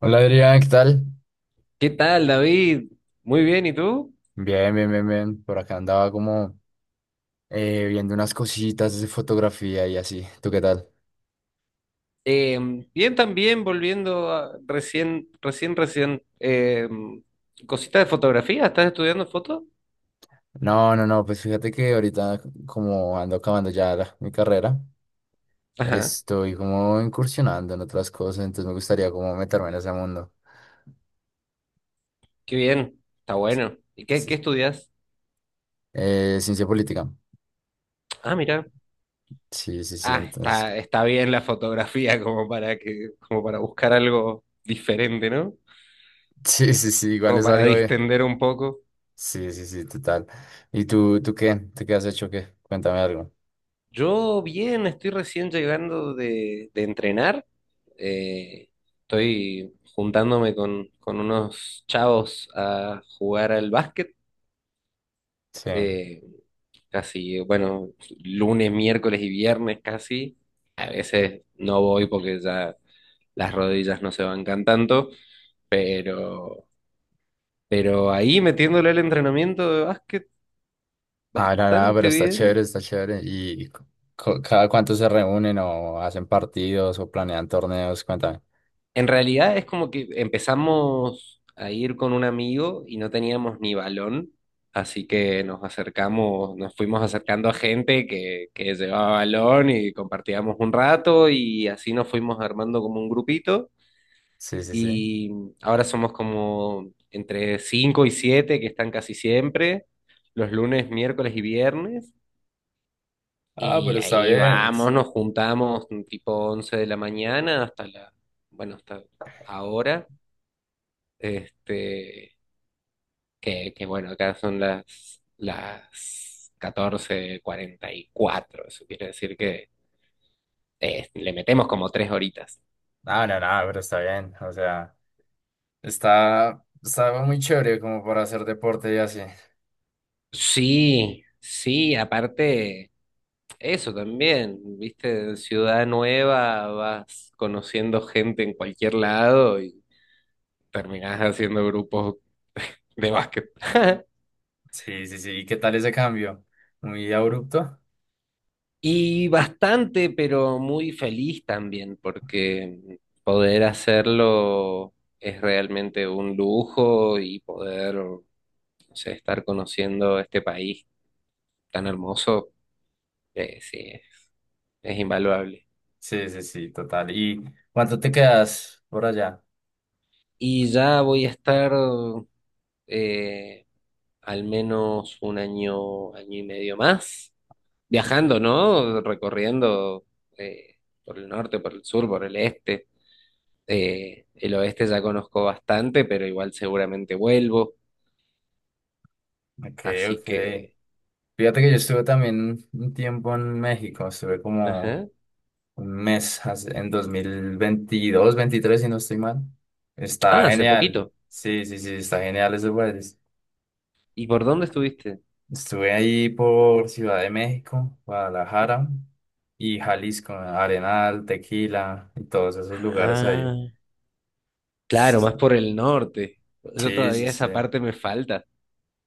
Hola Adrián, ¿qué tal? ¿Qué tal, David? Muy bien, ¿y tú? Bien, bien, bien, bien. Por acá andaba como viendo unas cositas de fotografía y así. ¿Tú qué tal? Eh, bien también, volviendo recién, cosita de fotografía, ¿estás estudiando foto? No, no, no, pues fíjate que ahorita como ando acabando mi carrera, Ajá, estoy como incursionando en otras cosas, entonces me gustaría como meterme en ese mundo. qué bien, está Sí, bueno. ¿Y sí. qué estudias? Ciencia política. Ah, mira. Sí, sí, sí, Ah, entonces. Está bien la fotografía como para como para buscar algo diferente, ¿no? Sí, sí, sí, igual Como es para algo bien. distender un poco. Sí, sí, sí, total. ¿Y tú qué? ¿Tú qué has hecho? ¿Qué? Cuéntame algo. Yo bien, estoy recién llegando de entrenar. Eh, estoy juntándome con unos chavos a jugar al básquet. Sí. eh, casi, bueno, lunes, miércoles y viernes casi. A veces no voy porque ya las rodillas no se bancan tanto, pero, pero ahí metiéndole el entrenamiento de básquet Ah, no, no, pero bastante está bien. chévere, está chévere. ¿Y cada cuánto se reúnen o hacen partidos o planean torneos? Cuéntame. En realidad es como que empezamos a ir con un amigo y no teníamos ni balón, así que nos acercamos, nos fuimos acercando a gente que llevaba balón y compartíamos un rato y así nos fuimos armando como un grupito Sí, sí, sí. y ahora somos como entre 5 y 7 que están casi siempre, los lunes, miércoles y viernes, Ah, y pero está ahí bien. vamos, nos juntamos tipo 11 de la mañana hasta la, bueno, hasta ahora, este, que bueno, acá son las 14:44, eso quiere decir que le metemos como 3 horitas. Ah, no, no, pero está bien. O sea, está, está muy chévere como para hacer deporte y así. Sí, sí, aparte, eso también, viste, ciudad nueva, vas conociendo gente en cualquier lado y terminás haciendo grupos de básquet. Sí, sí, sí. ¿Y qué tal ese cambio? ¿Muy abrupto? Y bastante, pero muy feliz también, porque poder hacerlo es realmente un lujo y poder, no sé, estar conociendo este país tan hermoso, sí, es invaluable. Sí, sí, sí, total. ¿Y cuánto te quedas por allá? Y ya voy a estar, eh, al menos un año, año y medio más, viajando, ¿no? Recorriendo eh, por el norte, por el sur, por el este. El oeste ya conozco bastante, pero igual seguramente vuelvo. Ok, Así ok. que... Fíjate que yo estuve también un tiempo en México, estuve como Ajá. un mes en 2022 2023 si no estoy mal. Ah, Está hace genial. poquito. Sí, sí, sí, está genial ese país. ¿Y por dónde estuviste? Estuve ahí por Ciudad de México, Guadalajara y Jalisco, Arenal, Tequila y todos esos lugares Ah, ahí. claro, S- más por el norte. Yo Sí, sí, todavía sí. esa parte me falta.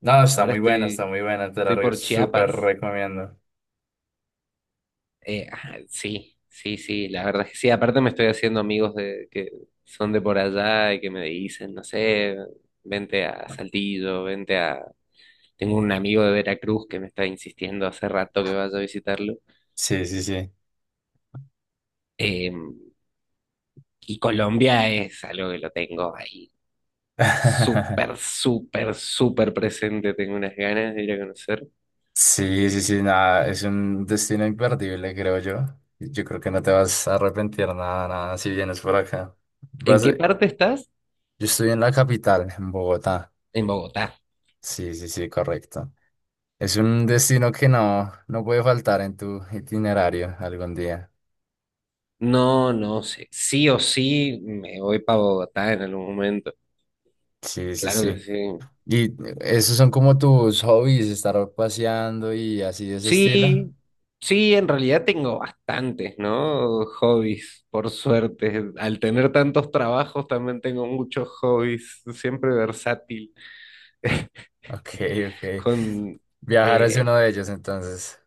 No, está Ahora muy buena, está estoy, muy buena, te la estoy re- por súper Chiapas. recomiendo. Ah, sí, sí, sí, la verdad es que sí. Aparte me estoy haciendo amigos de que son de por allá y que me dicen, no sé, vente a Saltillo, vente a... Tengo un amigo de Veracruz que me está insistiendo hace rato que vaya a visitarlo. Sí, sí, sí. Eh, y Colombia es algo que lo tengo ahí súper, súper, súper presente. Tengo unas ganas de ir a conocer. Sí, sí, sí, nada, es un destino imperdible, creo yo. Yo creo que no te vas a arrepentir nada, nada, si vienes por acá. ¿En Vas, yo qué parte estás? estoy en la capital, en Bogotá. En Bogotá. Sí, sí, sí, correcto. Es un destino que no, no puede faltar en tu itinerario algún día. No, no sé. Sí o sí me voy para Bogotá en algún momento. Sí, sí, Claro que sí. sí. ¿Y esos son como tus hobbies, estar paseando y así de ese estilo? Sí, sí, en realidad tengo bastantes, ¿no? Hobbies, por suerte. Al tener tantos trabajos también tengo muchos hobbies, siempre versátil, Ok, ok. con Viajar es uno eh, de ellos, entonces.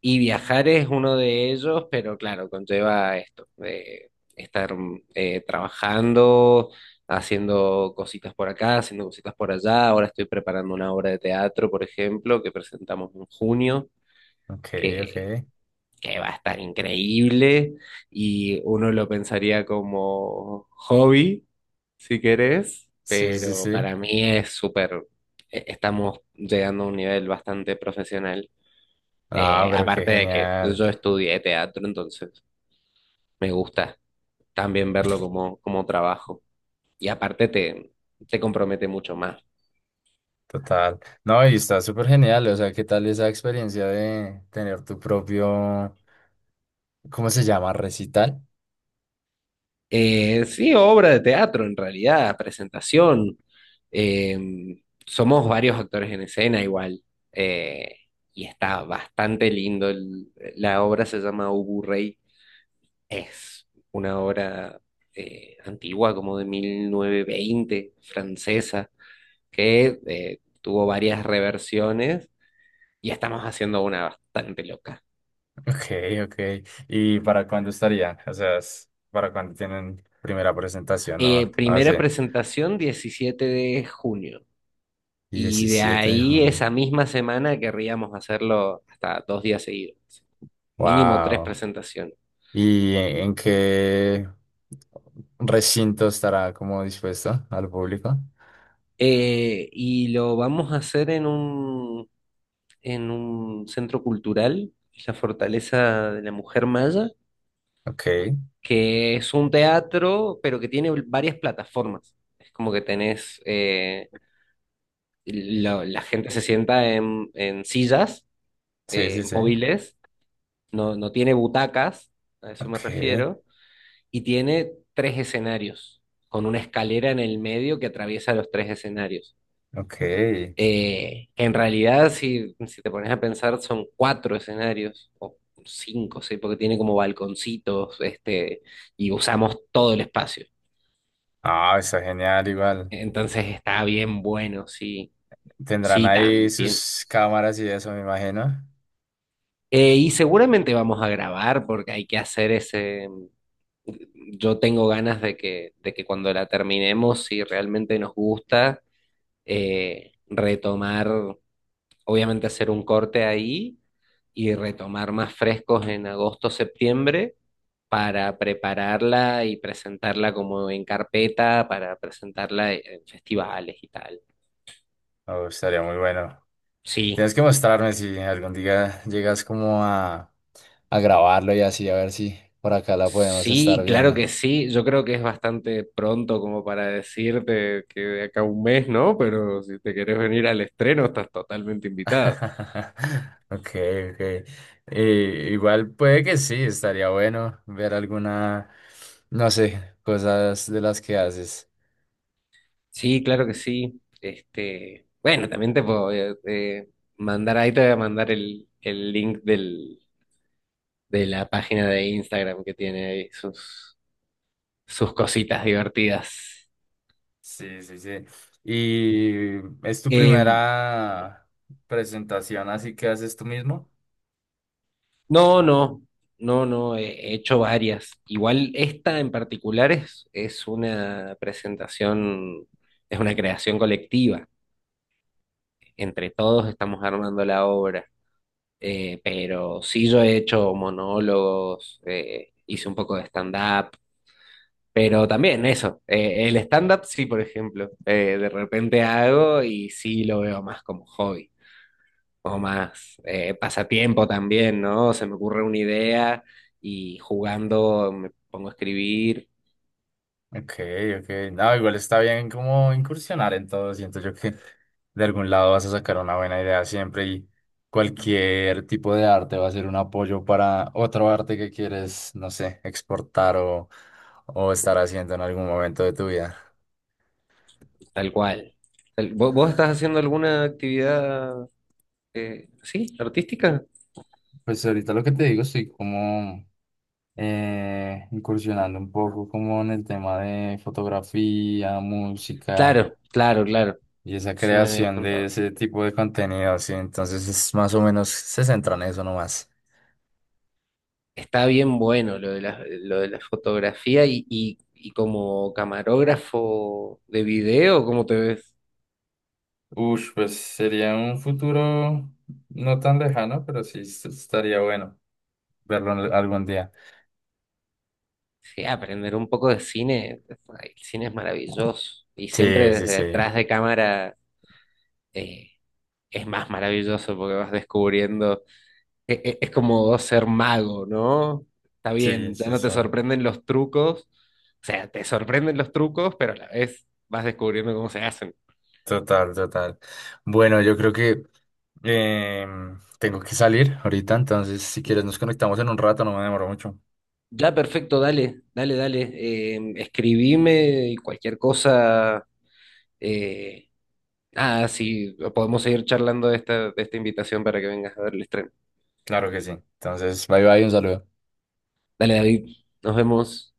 y viajar es uno de ellos, pero claro, conlleva esto, de estar trabajando, haciendo cositas por acá, haciendo cositas por allá. Ahora estoy preparando una obra de teatro, por ejemplo, que presentamos en junio, Ok, ok. que, que va a estar increíble, y uno lo pensaría como hobby, si querés, Sí, sí, pero sí. para mí es súper, estamos llegando a un nivel bastante profesional. Ah, Eh, pero qué aparte de que genial, yo estudié teatro, entonces me gusta también verlo como, como trabajo. Y aparte te compromete mucho más. total. No, y está súper genial, o sea, ¿qué tal esa experiencia de tener tu propio, ¿cómo se llama? Recital. Sí, obra de teatro en realidad, presentación. Eh, somos varios actores en escena igual. eh, y está bastante lindo. La obra se llama Ubu Rey. Es una obra antigua, como de 1920, francesa, que tuvo varias reversiones y estamos haciendo una bastante loca. Ok, ok. ¿Y para cuándo estarían? O sea, ¿para cuándo tienen primera presentación? Eh, No, ah, sí. primera presentación, 17 de junio, y de Diecisiete, de ahí junio. esa misma semana querríamos hacerlo hasta 2 días seguidos, mínimo tres Wow. presentaciones. ¿Y en qué recinto estará como dispuesto al público? Y lo vamos a hacer en un centro cultural, la Fortaleza de la Mujer Maya, Ok, que es un teatro, pero que tiene varias plataformas. Es como que tenés, la gente se sienta en sillas sí, sí, sí. móviles, no, no tiene butacas, a eso Ok, me refiero, y tiene tres escenarios, con una escalera en el medio que atraviesa los tres escenarios. ok. En realidad, si te pones a pensar, son cuatro escenarios, o cinco, sí, porque tiene como balconcitos, este, y usamos todo el espacio. Ah, está genial, igual. Entonces está bien bueno, sí, Tendrán sí, ahí también. sus cámaras y eso, me imagino. Y seguramente vamos a grabar porque hay que hacer ese... Yo tengo ganas de de que cuando la terminemos, si realmente nos gusta, retomar, obviamente hacer un corte ahí y retomar más frescos en agosto, septiembre, para prepararla y presentarla como en carpeta, para presentarla en festivales y tal. Oh, estaría muy bueno. Sí, Tienes que mostrarme si algún día llegas como a grabarlo y así, a ver si por acá la podemos estar sí, claro viendo. que sí. Yo creo que es bastante pronto como para decirte que de acá a un mes, ¿no? Pero si te querés venir al estreno, estás totalmente invitada. Ok, ok. Y igual puede que sí, estaría bueno ver alguna, no sé, cosas de las que haces. Sí, claro que sí. Este, bueno, también te puedo, mandar ahí, te voy a mandar el link de la página de Instagram que tiene ahí sus, cositas divertidas. Sí, sí, sí. ¿Y es tu Em, primera presentación, así que haces tú mismo? No, no, no, no, he hecho varias. Igual esta en particular es una presentación, es una creación colectiva. Entre todos estamos armando la obra. Pero sí yo he hecho monólogos, hice un poco de stand-up, pero también eso, el stand-up sí, por ejemplo, de repente hago y sí lo veo más como hobby, o más pasatiempo también, ¿no? Se me ocurre una idea y jugando me pongo a escribir, Ok, ok. No, igual está bien como incursionar en todo. Siento yo que de algún lado vas a sacar una buena idea siempre y cualquier tipo de arte va a ser un apoyo para otro arte que quieres, no sé, exportar o estar haciendo en algún momento de tu vida. tal cual. ¿Vos estás haciendo alguna actividad, sí, artística? Pues ahorita lo que te digo, estoy como incursionando un poco como en el tema de fotografía, música Claro, claro, claro, y esa sí me habías creación de contado. ese tipo de contenido, sí. Entonces es más o menos se centra en eso nomás. Está bien bueno lo de lo de la fotografía y como camarógrafo de video, ¿cómo te ves? Ush, pues sería un futuro no tan lejano, pero sí estaría bueno verlo algún día. Sí, aprender un poco de cine, ay, el cine es maravilloso y siempre Sí, sí, desde sí. atrás de cámara. eh, es más maravilloso porque vas descubriendo, es, como ser mago, ¿no? Está Sí, bien, ya sí, no te sí. sorprenden los trucos, o sea, te sorprenden los trucos, pero a la vez vas descubriendo cómo se hacen. Total, total. Bueno, yo creo que tengo que salir ahorita, entonces si quieres nos conectamos en un rato, no me demoro mucho. Ya, perfecto, dale, dale, dale, escribime y cualquier cosa, eh, nada, sí, podemos seguir charlando de de esta invitación para que vengas a ver el estreno. Claro que sí. Entonces, bye bye, un saludo. Dale, David, nos vemos.